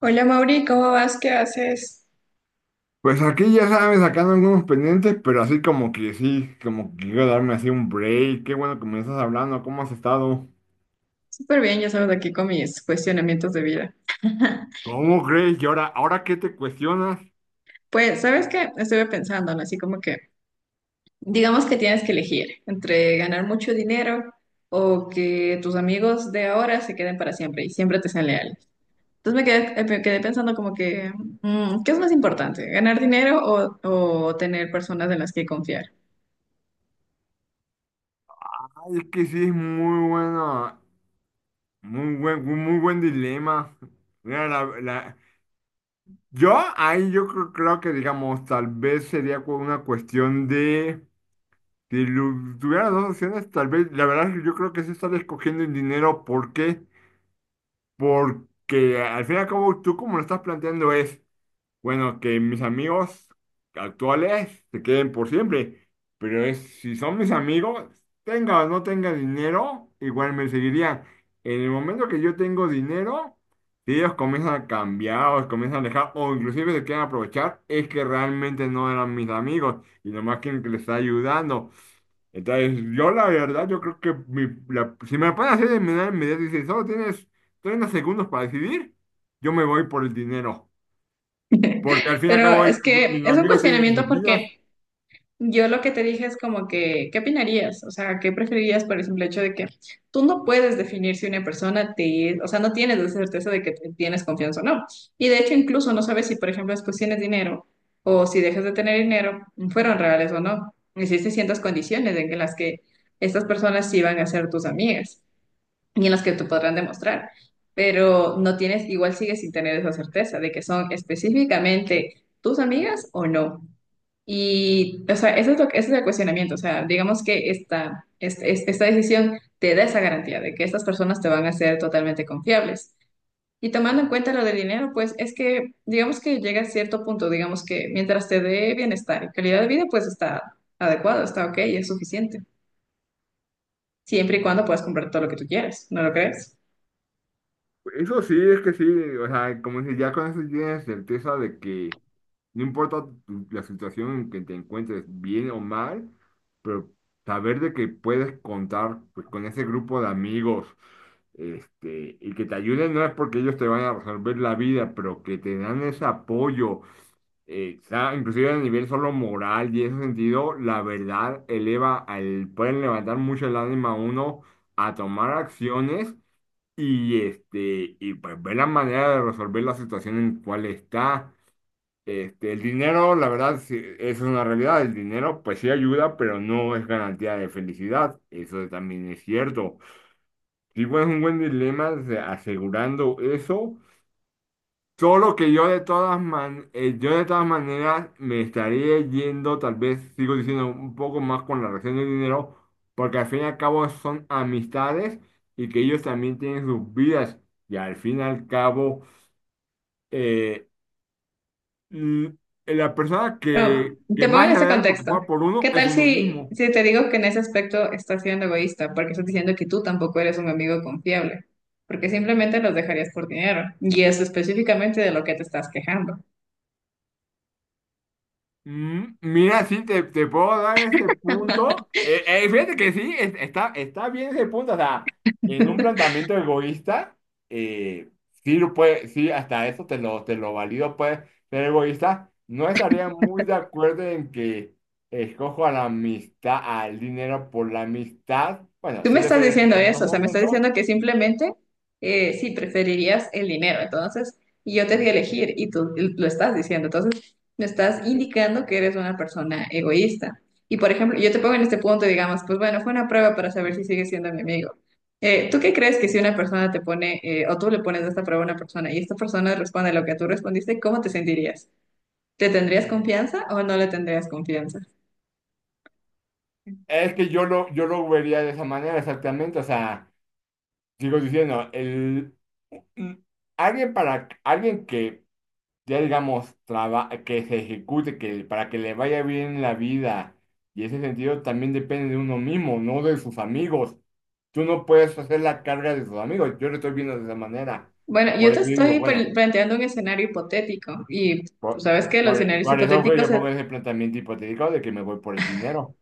Hola Mauri, ¿cómo vas? ¿Qué haces? Pues aquí ya sabes, sacando algunos pendientes, pero así como que sí, como que quiero darme así un break. Qué bueno que me estás hablando, ¿cómo has estado? Súper bien, ya sabes, aquí con mis cuestionamientos de vida. ¿Cómo crees? ¿Y ahora qué te cuestionas? Pues, ¿sabes qué? Estuve pensando, ¿no? Así como que, digamos que tienes que elegir entre ganar mucho dinero o que tus amigos de ahora se queden para siempre y siempre te sean leales. Entonces me quedé pensando como que, ¿qué es más importante? ¿Ganar dinero o tener personas en las que confiar? Ay, es que sí es muy bueno, muy buen dilema. Mira, Yo ahí yo creo que digamos, tal vez sería una cuestión de, si tuviera dos opciones, tal vez, la verdad es que yo creo que sí estás escogiendo el dinero, ¿por qué? Porque al fin y al cabo tú como lo estás planteando es... Bueno, que mis amigos actuales se queden por siempre, pero es, si son mis amigos, tenga o no tenga dinero, igual me seguirían. En el momento que yo tengo dinero, si ellos comienzan a cambiar o se comienzan a alejar o inclusive se quieren aprovechar, es que realmente no eran mis amigos y nomás quieren que les está ayudando. Entonces, yo la verdad, yo creo que si me pueden hacer de manera inmediata y si solo tienes 30 segundos para decidir, yo me voy por el dinero. Porque al fin y al Pero cabo, es que mis es un amigos tienen cuestionamiento sus vidas. porque... Yo lo que te dije es como que, ¿qué opinarías? O sea, ¿qué preferirías por el simple hecho de que tú no puedes definir si una persona te, o sea, no tienes la certeza de que tienes confianza o no. Y de hecho, incluso no sabes si, por ejemplo, después tienes dinero o si dejas de tener dinero, fueron reales o no. Existen ciertas condiciones en las que estas personas sí van a ser tus amigas y en las que te podrán demostrar, pero no tienes, igual sigues sin tener esa certeza de que son específicamente tus amigas o no. Y, o sea, eso es ese es el cuestionamiento. O sea, digamos que esta decisión te da esa garantía de que estas personas te van a ser totalmente confiables. Y tomando en cuenta lo del dinero, pues es que, digamos que llega a cierto punto, digamos que mientras te dé bienestar y calidad de vida, pues está adecuado, está ok, es suficiente. Siempre y cuando puedas comprar todo lo que tú quieras, ¿no lo crees? Eso sí, es que sí, o sea, como si ya con eso tienes certeza de que no importa la situación en que te encuentres, bien o mal, pero saber de que puedes contar pues, con ese grupo de amigos, este, y que te ayuden no es porque ellos te van a resolver la vida, pero que te dan ese apoyo. Exacto, inclusive a nivel solo moral y en ese sentido, la verdad eleva al, pueden levantar mucho el ánimo a uno a tomar acciones y este, y pues ver la manera de resolver la situación en cual está. Este, el dinero, la verdad, sí, eso es una realidad. El dinero, pues sí ayuda, pero no es garantía de felicidad. Eso también es cierto. Sí, pues es un buen dilema o sea, asegurando eso. Solo que yo de todas yo de todas maneras me estaría yendo, tal vez sigo diciendo un poco más con la relación del dinero, porque al fin y al cabo son amistades y que ellos también tienen sus vidas. Y al fin y al cabo, eh, mm, la persona No, que, te que pongo en más se ese debe contexto. preocupar por ¿Qué uno es tal uno si, mismo. si te digo que en ese aspecto estás siendo egoísta? Porque estás diciendo que tú tampoco eres un amigo confiable, porque simplemente los dejarías por dinero. Y es específicamente de lo que te estás quejando. Mm, mira, sí, te puedo dar ese punto. Fíjate que sí, está, está bien ese punto. O sea, en un planteamiento egoísta, eh, sí, lo puede, sí, hasta eso te lo valido, puede ser egoísta. No estaría muy de acuerdo en que escojo a la amistad, al dinero por la amistad. Bueno, Tú sí me lo estás estoy diciendo haciendo en estos eso, o sea, me estás momentos. diciendo que simplemente sí preferirías el dinero, entonces, y yo te di a elegir y tú lo estás diciendo, entonces me estás indicando que eres una persona egoísta. Y por ejemplo, yo te pongo en este punto, digamos, pues bueno, fue una prueba para saber si sigues siendo mi amigo. ¿Tú qué crees que si una persona te pone, o tú le pones esta prueba a una persona y esta persona responde lo que tú respondiste, cómo te sentirías? ¿Te tendrías confianza o no le tendrías confianza? Es que yo lo vería de esa manera exactamente. O sea, sigo diciendo, mm, alguien para alguien que ya digamos que se ejecute, que para que le vaya bien la vida. Y ese sentido también depende de uno mismo, no de sus amigos. Tú no puedes hacer la carga de sus amigos. Yo lo estoy viendo de esa manera. Bueno, yo Por te eso digo, estoy bueno, planteando un escenario hipotético y tú por, sabes que los escenarios por eso que hipotéticos... yo pongo ese planteamiento hipotético de que me voy por el dinero.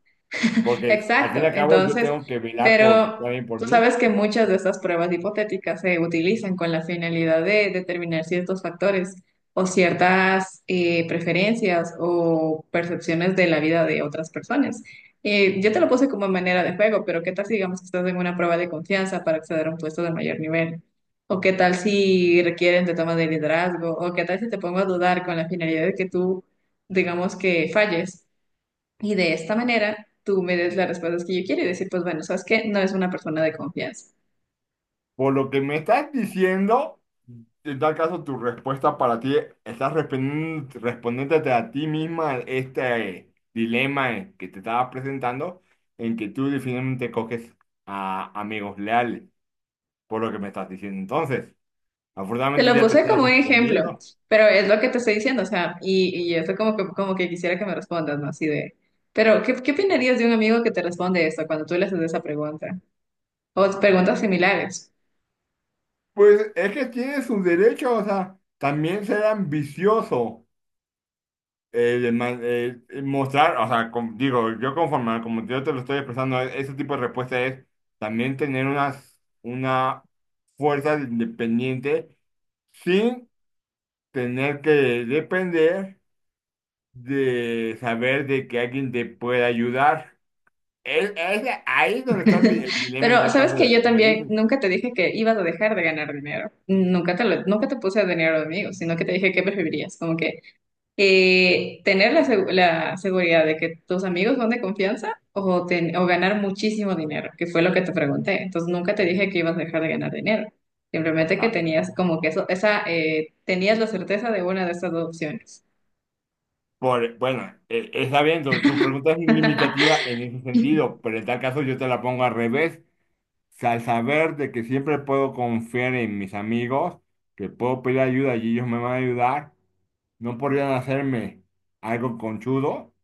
Porque al fin y Exacto. al cabo yo Entonces, tengo que velar por, pero también por tú mí. sabes que muchas de estas pruebas hipotéticas se utilizan con la finalidad de determinar ciertos factores o ciertas preferencias o percepciones de la vida de otras personas. Yo te lo puse como manera de juego, pero ¿qué tal si digamos que estás en una prueba de confianza para acceder a un puesto de mayor nivel? ¿O qué tal si requieren de toma de liderazgo? ¿O qué tal si te pongo a dudar con la finalidad de que tú, digamos que falles? Y de esta manera tú me des las respuestas que yo quiero y decir, pues bueno, sabes que no es una persona de confianza. Por lo que me estás diciendo, en tal caso tu respuesta para ti, estás respondiéndote a ti misma este dilema que te estaba presentando, en que tú definitivamente coges a amigos leales, por lo que me estás diciendo. Entonces, Te afortunadamente lo ya te puse estás como un ejemplo, respondiendo. pero es lo que te estoy diciendo, o sea, y esto como que quisiera que me respondas, ¿no? Así de, pero ¿qué, qué opinarías de un amigo que te responde esto cuando tú le haces esa pregunta? O preguntas similares. Pues es que tiene sus derechos, o sea, también ser ambicioso. Eh, de mostrar, o sea, digo, yo conforme, como yo te lo estoy expresando, ese tipo de respuesta es también tener una fuerza independiente sin tener que depender de saber de que alguien te puede ayudar. Es ahí donde está mi, el dilema en Pero tal sabes caso de que lo que yo tú me también dices. nunca te dije que ibas a dejar de ganar dinero. Nunca te puse dinero de amigos, sino que te dije qué preferirías. Como que tener la, la seguridad de que tus amigos son de confianza o, o ganar muchísimo dinero, que fue lo que te pregunté. Entonces nunca te dije que ibas a dejar de ganar dinero, simplemente que Ah, tenías como que eso, esa, tenías la certeza de una de estas dos opciones. por, bueno, está bien, tu pregunta es limitativa en ese sentido, pero en tal caso yo te la pongo al revés. Sea, al saber de que siempre puedo confiar en mis amigos, que puedo pedir ayuda y ellos me van a ayudar, no podrían hacerme algo conchudo,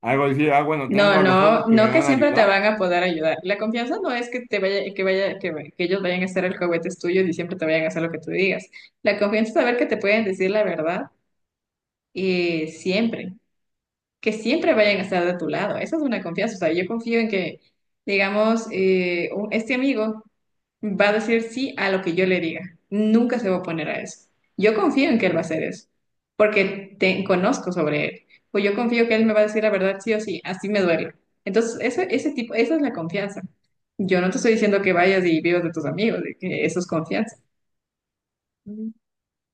algo decir, ah, bueno, No, tengo a los no, otros que no me que van a siempre te ayudar. van a poder ayudar. La confianza no es que te vaya, que ellos vayan a ser el juguetes tuyos y siempre te vayan a hacer lo que tú digas. La confianza es saber que te pueden decir la verdad y siempre. Que siempre vayan a estar de tu lado. Esa es una confianza. O sea, yo confío en que, digamos, este amigo. Va a decir sí a lo que yo le diga. Nunca se va a oponer a eso. Yo confío en que él va a hacer eso, porque te conozco sobre él. Pues yo confío que él me va a decir la verdad sí o sí, así me duele. Entonces, esa es la confianza. Yo no te estoy diciendo que vayas y vivas de tus amigos, de que eso es confianza.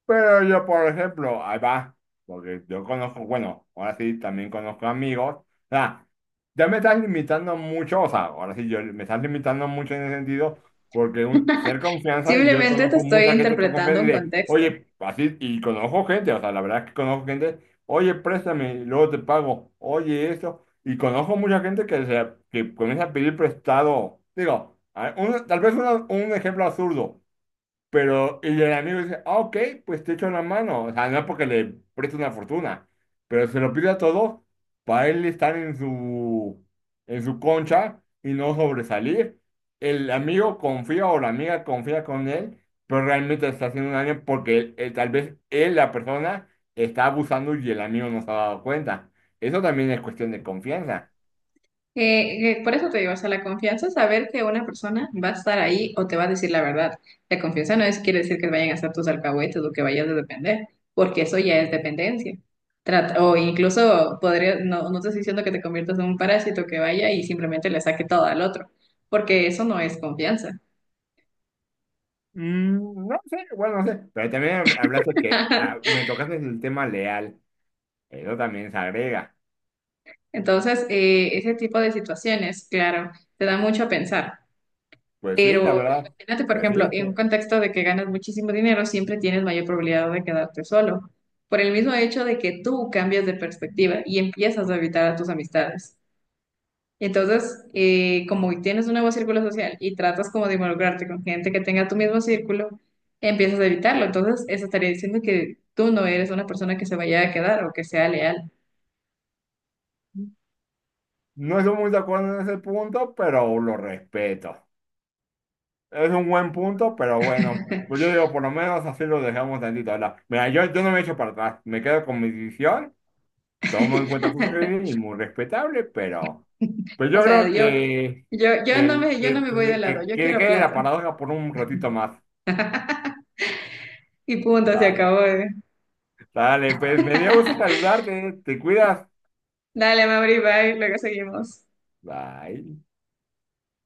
Pero yo, por ejemplo, ahí va, porque yo conozco, bueno, ahora sí también conozco amigos. O sea, ya me estás limitando mucho, o sea, ahora sí yo me estás limitando mucho en ese sentido, porque un, ser confianza, y yo Simplemente te conozco estoy mucha gente con confianza interpretando y un de, contexto. oye, así, y conozco gente, o sea, la verdad es que conozco gente, oye, préstame, y luego te pago, oye, esto, y conozco mucha gente que, se, que comienza a pedir prestado. Digo, tal vez un ejemplo absurdo. Pero, y el amigo dice, ah, ok, pues te echo una mano. O sea, no porque le preste una fortuna, pero se lo pide a todos para él estar en su concha y no sobresalir. El amigo confía o la amiga confía con él, pero realmente está haciendo un daño porque tal vez él, la persona, está abusando y el amigo no se ha dado cuenta. Eso también es cuestión de confianza. Por eso te digo, o sea, la confianza es saber que una persona va a estar ahí o te va a decir la verdad. La confianza no es quiere decir que vayan a ser tus alcahuetes o que vayas a depender, porque eso ya es dependencia. Trata, o incluso podría, no, no te estoy diciendo que te conviertas en un parásito que vaya y simplemente le saque todo al otro, porque eso no es confianza. Mm, no sé, bueno, no sé, pero también hablaste que ah, me tocaste el tema leal. Eso también se agrega. Entonces, ese tipo de situaciones, claro, te da mucho a pensar. Pues sí, la Pero verdad. imagínate, por Pues ejemplo, sí, sí. en un contexto de que ganas muchísimo dinero, siempre tienes mayor probabilidad de quedarte solo, por el mismo hecho de que tú cambias de perspectiva y empiezas a evitar a tus amistades. Entonces, como tienes un nuevo círculo social y tratas como de involucrarte con gente que tenga tu mismo círculo, empiezas a evitarlo. Entonces, eso estaría diciendo que tú no eres una persona que se vaya a quedar o que sea leal. No estoy muy de acuerdo en ese punto, pero lo respeto. Es un buen punto, pero bueno. Pues yo digo, por lo menos así lo dejamos tantito, ¿verdad? Mira, yo no me echo para atrás. Me quedo con mi decisión. Tomo en cuenta tu sugerencia y muy respetable, pero... Pues O yo sea, creo que... Que, yo no me voy de lado, yo que quiero quede la plata. paradoja por un ratito más. Y punto, se Vale. acabó. ¿Eh? Dale, pues me dio gusto saludarte. Te cuidas. Dale, Mauri, bye, luego seguimos. Bye.